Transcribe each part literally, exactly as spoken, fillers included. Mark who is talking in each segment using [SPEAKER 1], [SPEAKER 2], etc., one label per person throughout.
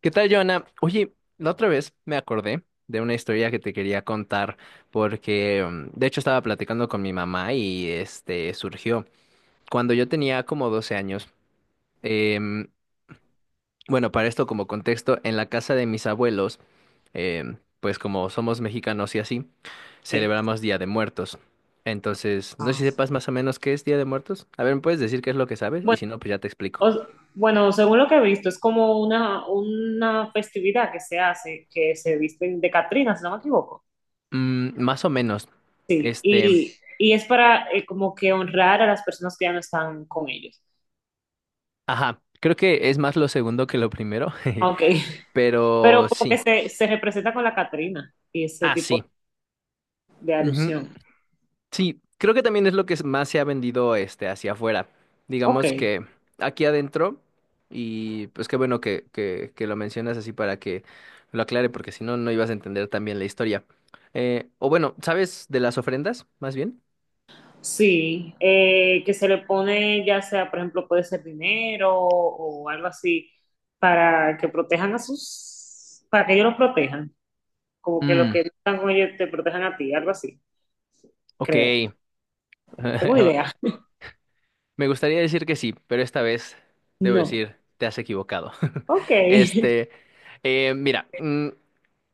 [SPEAKER 1] ¿Qué tal, Joana? Oye, la otra vez me acordé de una historia que te quería contar porque mm, de hecho estaba platicando con mi mamá y este surgió cuando yo tenía como doce años. em, bueno, para esto como contexto, en la casa de mis abuelos, em, pues como somos mexicanos y así,
[SPEAKER 2] Sí.
[SPEAKER 1] celebramos Día de Muertos. Entonces, no sé si
[SPEAKER 2] Ah,
[SPEAKER 1] sepas más o menos qué es Día de Muertos. A ver, ¿me puedes decir qué es lo que sabes? Y
[SPEAKER 2] Bueno,
[SPEAKER 1] si no, pues ya te explico.
[SPEAKER 2] o- bueno, según lo que he visto, es como una, una festividad que se hace, que se visten de Catrinas, si no me equivoco.
[SPEAKER 1] Mm, más o menos,
[SPEAKER 2] Sí,
[SPEAKER 1] este...
[SPEAKER 2] y, y es para eh, como que honrar a las personas que ya no están con ellos.
[SPEAKER 1] Ajá, creo que es más lo segundo que lo primero,
[SPEAKER 2] Ok. Pero
[SPEAKER 1] pero
[SPEAKER 2] como que
[SPEAKER 1] sí,
[SPEAKER 2] se, se representa con la Catrina y ese
[SPEAKER 1] ah,
[SPEAKER 2] tipo
[SPEAKER 1] sí.
[SPEAKER 2] de
[SPEAKER 1] Ujú.
[SPEAKER 2] alusión.
[SPEAKER 1] Sí, creo que también es lo que es- más se ha vendido este hacia afuera.
[SPEAKER 2] Ok,
[SPEAKER 1] Digamos que aquí adentro, y pues qué bueno que, que, que lo mencionas así para que lo aclare, porque si no, no ibas a entender también la historia. Eh, o bueno, ¿sabes de las ofrendas, más bien?
[SPEAKER 2] sí, eh, que se le pone ya sea, por ejemplo, puede ser dinero o algo así, para que protejan a sus, para que ellos los protejan. Como que los
[SPEAKER 1] Mm,
[SPEAKER 2] que están con ellos te protejan a ti, algo así,
[SPEAKER 1] ok.
[SPEAKER 2] creo. Tengo una idea.
[SPEAKER 1] Me gustaría decir que sí, pero esta vez debo
[SPEAKER 2] No.
[SPEAKER 1] decir, te has equivocado.
[SPEAKER 2] Ok.
[SPEAKER 1] Este, eh, mira, mm,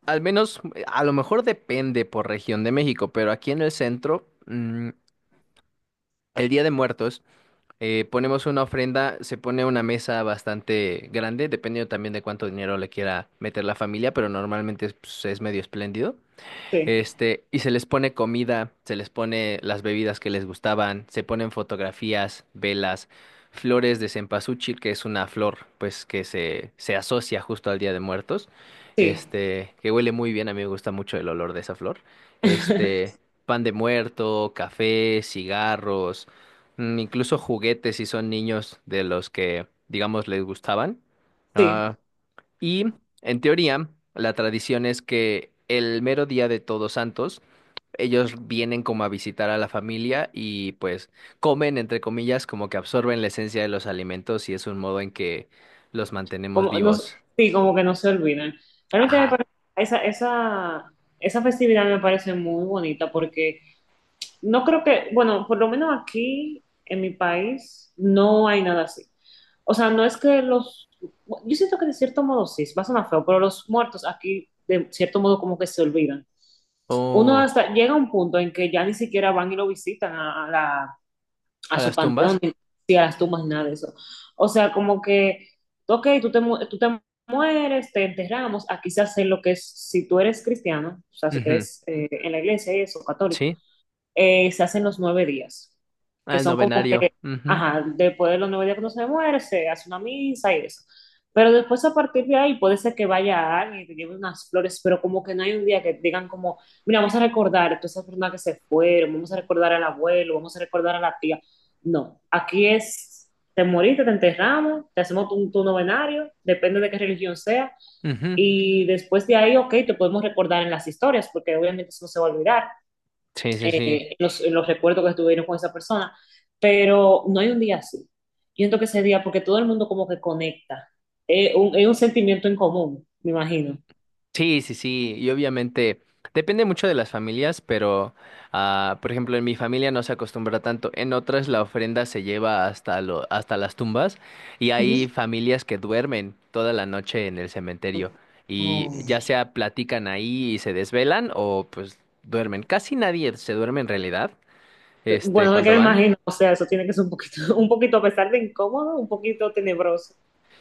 [SPEAKER 1] al menos, a lo mejor depende por región de México, pero aquí en el centro, mm, el Día de Muertos, eh, ponemos una ofrenda, se pone una mesa bastante grande, dependiendo también de cuánto dinero le quiera meter la familia, pero normalmente es pues, es medio espléndido.
[SPEAKER 2] Sí,
[SPEAKER 1] Este, y se les pone comida, se les pone las bebidas que les gustaban, se ponen fotografías, velas, flores de cempasúchil, que es una flor, pues, que se, se asocia justo al Día de Muertos.
[SPEAKER 2] sí.
[SPEAKER 1] Este, que huele muy bien, a mí me gusta mucho el olor de esa flor. Este, pan de muerto, café, cigarros, mm, incluso juguetes si son niños de los que, digamos, les gustaban.
[SPEAKER 2] Sí.
[SPEAKER 1] Ah, y en teoría, la tradición es que el mero día de Todos Santos, ellos vienen como a visitar a la familia y pues comen, entre comillas, como que absorben la esencia de los alimentos y es un modo en que los mantenemos
[SPEAKER 2] Como, no,
[SPEAKER 1] vivos.
[SPEAKER 2] sí, como que no se olvidan. Realmente me
[SPEAKER 1] Ajá.
[SPEAKER 2] parece- esa, esa, esa festividad me parece muy bonita porque no creo que, bueno, por lo menos aquí en mi país no hay nada así. O sea, no es que los, yo siento que de cierto modo sí, va a sonar feo, pero los muertos aquí de cierto modo como que se olvidan. Uno
[SPEAKER 1] Oh,
[SPEAKER 2] hasta llega a un punto en que ya ni siquiera van y lo visitan a, a la, a
[SPEAKER 1] a
[SPEAKER 2] su
[SPEAKER 1] las
[SPEAKER 2] panteón,
[SPEAKER 1] tumbas.
[SPEAKER 2] ni ni a las tumbas, ni nada de eso. O sea, como que, ok, tú te, mu- tú te mueres, te enterramos. Aquí se hace lo que es, si tú eres cristiano, o sea, si
[SPEAKER 1] Ujú.
[SPEAKER 2] crees eh, en la iglesia y eso, católico,
[SPEAKER 1] Sí.
[SPEAKER 2] eh, se hacen los nueve días, que
[SPEAKER 1] Al
[SPEAKER 2] son como
[SPEAKER 1] novenario.
[SPEAKER 2] que,
[SPEAKER 1] Ujú.
[SPEAKER 2] ajá, después de los nueve días que uno se muere, se hace una misa y eso. Pero después a partir de ahí puede ser que vaya alguien y te lleve unas flores, pero como que no hay un día que digan como, mira, vamos a recordar a todas esas personas que se fueron, vamos a recordar al abuelo, vamos a recordar a la tía. No, aquí es, te moriste, te enterramos, te hacemos tu, tu novenario, depende de qué religión sea,
[SPEAKER 1] Ujú.
[SPEAKER 2] y después de ahí, ok, te podemos recordar en las historias, porque obviamente eso no se va a olvidar,
[SPEAKER 1] Sí, sí, sí.
[SPEAKER 2] eh, en los, en los recuerdos que estuvieron con esa persona, pero no hay un día así. Yo siento que ese día, porque todo el mundo como que conecta, es un, es un sentimiento en común, me imagino.
[SPEAKER 1] Sí, sí, sí, y obviamente depende mucho de las familias, pero ah, por ejemplo en mi familia no se acostumbra tanto, en otras la ofrenda se lleva hasta lo, hasta las tumbas y
[SPEAKER 2] Ujú.
[SPEAKER 1] hay familias que duermen toda la noche en el cementerio y ya
[SPEAKER 2] Oh.
[SPEAKER 1] sea platican ahí y se desvelan o pues duermen. Casi nadie se duerme en realidad, este,
[SPEAKER 2] Bueno, no es que
[SPEAKER 1] cuando
[SPEAKER 2] me
[SPEAKER 1] van.
[SPEAKER 2] imagino, o sea, eso tiene que ser un poquito, un poquito, a pesar de incómodo, un poquito tenebroso.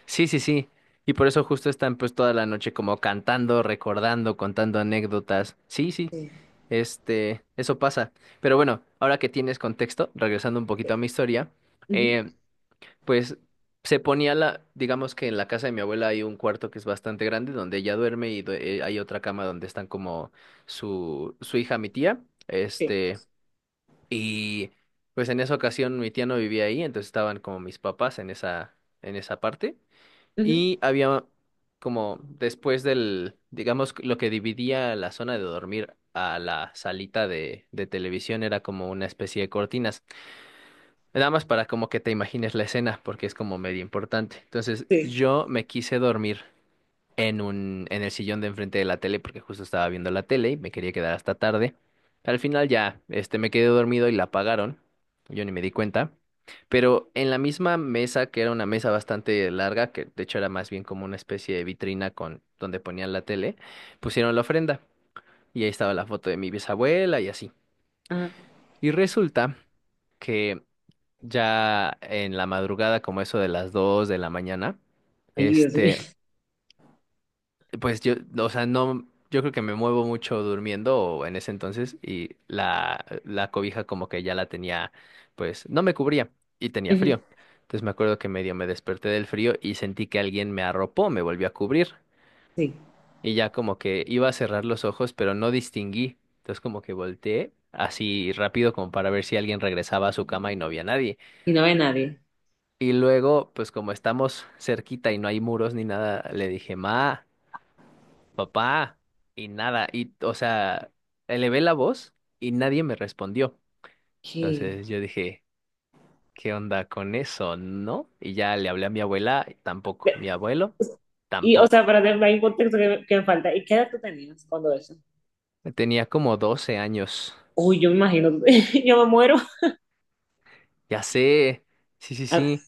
[SPEAKER 1] Sí, sí, sí. Y por eso justo están pues toda la noche como cantando, recordando, contando anécdotas. Sí, sí.
[SPEAKER 2] Sí,
[SPEAKER 1] Este, eso pasa. Pero bueno, ahora que tienes contexto, regresando un poquito a mi historia,
[SPEAKER 2] ujú,
[SPEAKER 1] eh, pues se ponía la, digamos que en la casa de mi abuela hay un cuarto que es bastante grande donde ella duerme y due- eh, hay otra cama donde están como su, su hija, mi tía,
[SPEAKER 2] sí,
[SPEAKER 1] este, y pues en esa ocasión mi tía no vivía ahí, entonces estaban como mis papás en esa, en esa parte.
[SPEAKER 2] ujú,
[SPEAKER 1] Y había como después del, digamos, lo que dividía la zona de dormir a la salita de, de televisión era como una especie de cortinas. Nada más para como que te imagines la escena, porque es como medio importante. Entonces
[SPEAKER 2] sí.
[SPEAKER 1] yo me quise dormir en un, en el sillón de enfrente de la tele porque justo estaba viendo la tele y me quería quedar hasta tarde. Al final ya, este, me quedé dormido y la apagaron. Yo ni me di cuenta. Pero en la misma mesa, que era una mesa bastante larga, que de hecho era más bien como una especie de vitrina con donde ponían la tele, pusieron la ofrenda y ahí estaba la foto de mi bisabuela y así.
[SPEAKER 2] Ajá.
[SPEAKER 1] Y resulta que ya en la madrugada, como eso de las dos de la mañana,
[SPEAKER 2] Ay, Dios mío.
[SPEAKER 1] este, pues yo, o sea, no, yo creo que me muevo mucho durmiendo o en ese entonces y la, la cobija como que ya la tenía, pues no me cubría y tenía
[SPEAKER 2] Ujú.
[SPEAKER 1] frío. Entonces me acuerdo que medio me desperté del frío y sentí que alguien me arropó, me volvió a cubrir
[SPEAKER 2] Sí,
[SPEAKER 1] y ya como que iba a cerrar los ojos, pero no distinguí. Entonces como que volteé así rápido como para ver si alguien regresaba a su cama y no había nadie.
[SPEAKER 2] y no ve nadie.
[SPEAKER 1] Y luego, pues como estamos cerquita y no hay muros ni nada, le dije, Ma. Papá, y nada, y, o sea, elevé la voz y nadie me respondió.
[SPEAKER 2] ¿Qué?
[SPEAKER 1] Entonces yo dije, ¿qué onda con eso? ¿No? Y ya le hablé a mi abuela, y tampoco, mi
[SPEAKER 2] De-
[SPEAKER 1] abuelo,
[SPEAKER 2] Y, o sea,
[SPEAKER 1] tampoco.
[SPEAKER 2] para tener un contexto que, que me falta, ¿y qué edad tú tenías cuando eso?
[SPEAKER 1] Tenía como doce años,
[SPEAKER 2] Uy, yo me imagino, yo me muero.
[SPEAKER 1] ya sé, sí, sí,
[SPEAKER 2] Ah,
[SPEAKER 1] sí.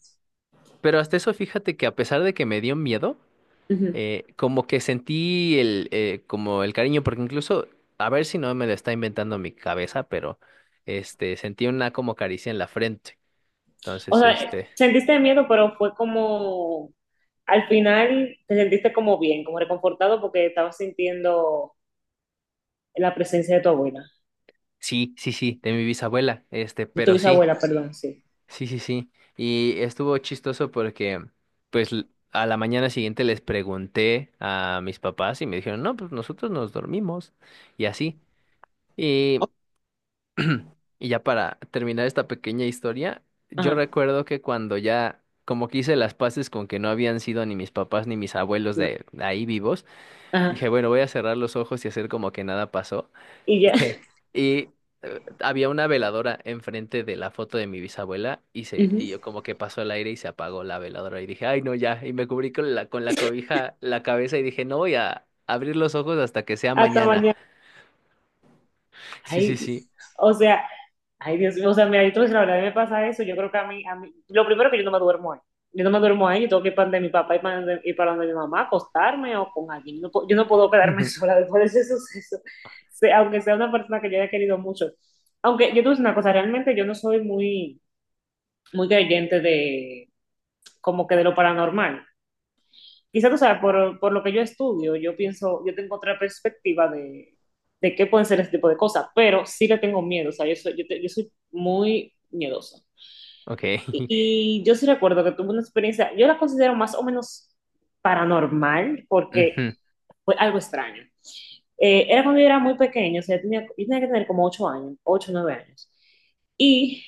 [SPEAKER 1] Pero hasta eso, fíjate que a pesar de que me dio miedo,
[SPEAKER 2] ujú.
[SPEAKER 1] eh, como que sentí el, eh, como el cariño, porque incluso, a ver si no me lo está inventando mi cabeza, pero, este, sentí una como caricia en la frente.
[SPEAKER 2] O
[SPEAKER 1] Entonces,
[SPEAKER 2] sea,
[SPEAKER 1] este,
[SPEAKER 2] sentiste miedo, pero fue como, al final te sentiste como bien, como reconfortado porque estabas sintiendo la presencia de tu abuela,
[SPEAKER 1] sí, sí, sí, de mi bisabuela, este,
[SPEAKER 2] de tu
[SPEAKER 1] pero sí,
[SPEAKER 2] bisabuela, perdón, sí.
[SPEAKER 1] sí, sí, sí. Y estuvo chistoso porque, pues, l- a la mañana siguiente les pregunté a mis papás y me dijeron, no, pues nosotros nos dormimos y así. Y, y ya para terminar esta pequeña historia, yo
[SPEAKER 2] Ajá,
[SPEAKER 1] recuerdo que cuando ya, como que hice las paces con que no habían sido ni mis papás ni mis abuelos
[SPEAKER 2] sí,
[SPEAKER 1] de ahí vivos, dije,
[SPEAKER 2] ajá.
[SPEAKER 1] bueno, voy a cerrar los ojos y hacer como que nada pasó.
[SPEAKER 2] Y ya.
[SPEAKER 1] Y eh, había una veladora enfrente de la foto de mi bisabuela y se,
[SPEAKER 2] Ujú.
[SPEAKER 1] y yo como que pasó el aire y se apagó la veladora y dije, ay no, ya. Y me cubrí con la, con la cobija la cabeza y dije, no voy a abrir los ojos hasta que sea
[SPEAKER 2] Hasta
[SPEAKER 1] mañana.
[SPEAKER 2] mañana.
[SPEAKER 1] Sí, sí,
[SPEAKER 2] Ay,
[SPEAKER 1] sí.
[SPEAKER 2] o sea, ay, Dios mío, o sea, mira, yo te voy a decir la verdad, a mí me pasa eso, yo creo que a mí, a mí, lo primero que yo no me duermo ahí, yo no me duermo ahí, yo tengo que ir para donde mi papá y para donde, y para donde mi mamá, acostarme o con alguien, no, puedo- yo no puedo quedarme
[SPEAKER 1] Ujú.
[SPEAKER 2] sola después de ese suceso. Se- aunque sea una persona que yo haya querido mucho, aunque yo te voy a decir una cosa, realmente yo no soy muy, muy creyente de, como que de lo paranormal, quizás tú sabes, por, por lo que yo estudio, yo pienso, yo tengo otra perspectiva de, de qué pueden ser este tipo de cosas, pero sí le tengo miedo, o sea, yo soy, yo te- yo soy muy miedosa.
[SPEAKER 1] Ok.
[SPEAKER 2] Y, y yo sí recuerdo que tuve una experiencia, yo la considero más o menos paranormal, porque
[SPEAKER 1] Ujú.
[SPEAKER 2] fue algo extraño. Eh, era cuando yo era muy pequeño, o sea, yo tenía, yo tenía que tener como ocho años, ocho nueve años. Y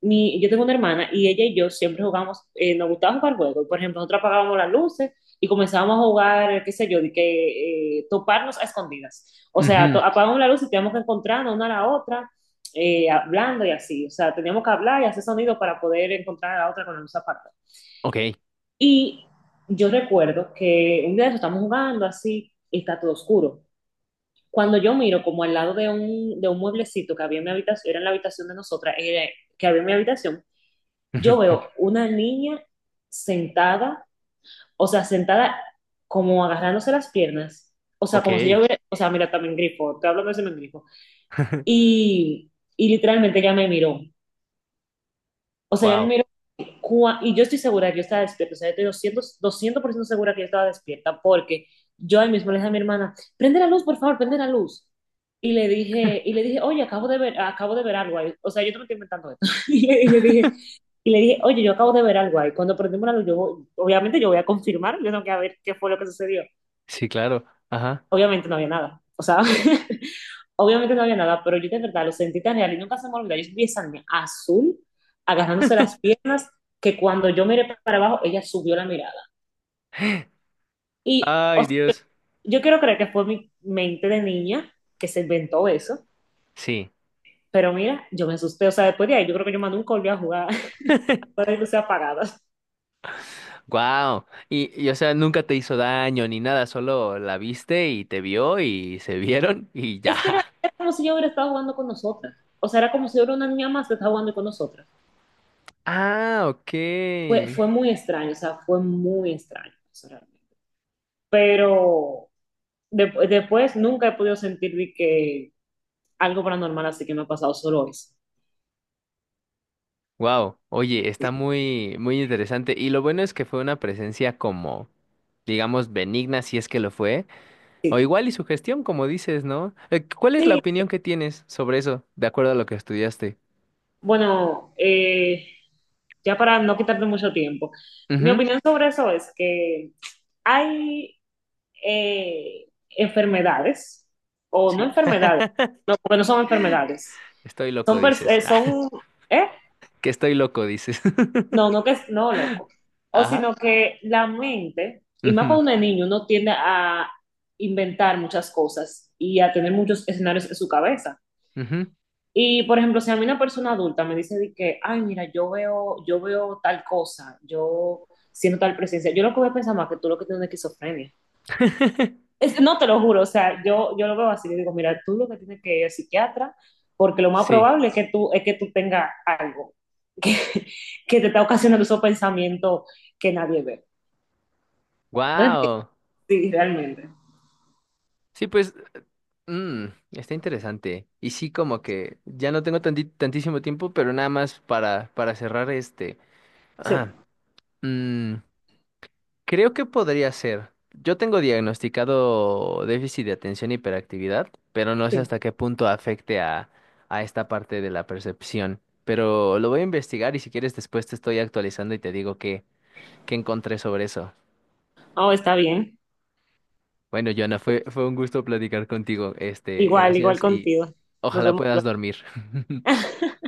[SPEAKER 2] mi, yo tengo una hermana y ella y yo siempre jugamos, eh, nos gustaba jugar juegos. Por ejemplo, nosotros apagábamos las luces y comenzábamos a jugar, qué sé yo, de que eh, toparnos a escondidas. O sea,
[SPEAKER 1] Ujú.
[SPEAKER 2] to- apagábamos la luz y teníamos que encontrarnos una a la otra, eh, hablando y así. O sea, teníamos que hablar y hacer sonido para poder encontrar a la otra con la luz apagada.
[SPEAKER 1] Ok.
[SPEAKER 2] Y yo recuerdo que un día de eso estamos jugando así y está todo oscuro. Cuando yo miro como al lado de un, de un mueblecito que había en mi habitación, era en la habitación de nosotras, era- que había en mi habitación, yo
[SPEAKER 1] Ujú.
[SPEAKER 2] veo una niña sentada, o sea, sentada como agarrándose las piernas, o sea, como si yo
[SPEAKER 1] Ok.
[SPEAKER 2] hubiera, o sea, mira, también grifo, te hablo de ese mismo grifo, y, y literalmente ella me miró, o sea, ella me
[SPEAKER 1] Wow.
[SPEAKER 2] miró. Cua- y yo estoy segura que yo estaba despierta, o sea, yo estoy doscientos doscientos por ciento segura que yo estaba despierta, porque yo ahí mismo le dije a mi hermana, prende la luz, por favor, prende la luz. Y le dije, y le dije, oye, acabo de ver, acabo de ver algo ahí. O sea, yo te me estoy inventando esto. Y le, y le dije, y le dije, oye, yo acabo de ver algo ahí. Cuando prendemos la luz, yo, voy- obviamente yo voy a confirmar, yo tengo que ver qué fue lo que sucedió.
[SPEAKER 1] Sí, claro. Ajá.
[SPEAKER 2] Obviamente no había nada. O sea, obviamente no había nada, pero yo de verdad lo sentí tan real y nunca se me olvidó. Yo vi esa niña azul, agarrándose las piernas, que cuando yo miré para abajo, ella subió la mirada. Y, o
[SPEAKER 1] Ay,
[SPEAKER 2] sea, yo
[SPEAKER 1] Dios.
[SPEAKER 2] yo quiero creer que fue mi mente de niña que se inventó eso,
[SPEAKER 1] Sí.
[SPEAKER 2] pero mira, yo me asusté. O sea, después de ahí, yo creo que yo más nunca volví a jugar con las luces apagadas.
[SPEAKER 1] Wow. Y, y, o sea, nunca te hizo daño ni nada, solo la viste y te vio y se vieron y ya.
[SPEAKER 2] Es que era, era como si yo hubiera estado jugando con nosotras. O sea, era como si yo era una niña más que estaba jugando con nosotras.
[SPEAKER 1] Ah, ok.
[SPEAKER 2] Fue, fue muy extraño, o sea, fue muy extraño eso realmente. Pero de- después nunca he podido sentir de que algo paranormal así que me ha pasado solo eso.
[SPEAKER 1] Wow. Oye, está muy, muy interesante. Y lo bueno es que fue una presencia como, digamos, benigna, si es que lo fue. O
[SPEAKER 2] Sí.
[SPEAKER 1] igual y su gestión, como dices, ¿no? Eh, ¿cuál es la
[SPEAKER 2] Sí,
[SPEAKER 1] opinión que tienes sobre eso, de acuerdo a lo que estudiaste?
[SPEAKER 2] bueno, eh, ya para no quitarte mucho tiempo, mi
[SPEAKER 1] Ujú,
[SPEAKER 2] opinión sobre eso es que hay eh, enfermedades, o no
[SPEAKER 1] sí,
[SPEAKER 2] enfermedades, no, porque no son enfermedades,
[SPEAKER 1] estoy loco,
[SPEAKER 2] son, pers-
[SPEAKER 1] dices.
[SPEAKER 2] eh, son, ¿eh?
[SPEAKER 1] Que estoy loco, dices.
[SPEAKER 2] No, no que es- no, loco. O
[SPEAKER 1] Ajá.
[SPEAKER 2] sino que la mente, y más
[SPEAKER 1] Ujú,
[SPEAKER 2] cuando uno es niño, uno tiende a inventar muchas cosas y a tener muchos escenarios en su cabeza.
[SPEAKER 1] ujú.
[SPEAKER 2] Y por ejemplo, si a mí una persona adulta me dice de que, ay, mira, yo veo, yo veo tal cosa, yo siento tal presencia, yo lo que voy a pensar más que tú lo que tienes es esquizofrenia. Es- no te lo juro, o sea, yo, yo lo veo así, le digo, mira, tú lo que tienes que ir al psiquiatra, porque lo más
[SPEAKER 1] Sí.
[SPEAKER 2] probable es que tú, es que tú tengas algo que, que te está ocasionando esos pensamientos que nadie ve. ¿No entiendes?
[SPEAKER 1] Wow.
[SPEAKER 2] Sí, realmente.
[SPEAKER 1] Sí, pues, mm, está interesante. Y sí, como que ya no tengo tanti- tantísimo tiempo, pero nada más para, para cerrar este.
[SPEAKER 2] Sí,
[SPEAKER 1] Ah, mm, creo que podría ser. Yo tengo diagnosticado déficit de atención e hiperactividad, pero no sé
[SPEAKER 2] sí.
[SPEAKER 1] hasta qué punto afecte a, a esta parte de la percepción. Pero lo voy a investigar y si quieres después te estoy actualizando y te digo qué, qué encontré sobre eso.
[SPEAKER 2] Oh, está bien.
[SPEAKER 1] Bueno, Joana, fue, fue un gusto platicar contigo. Este,
[SPEAKER 2] Igual, igual
[SPEAKER 1] gracias y
[SPEAKER 2] contigo. Nos
[SPEAKER 1] ojalá
[SPEAKER 2] vemos
[SPEAKER 1] puedas
[SPEAKER 2] luego.
[SPEAKER 1] dormir.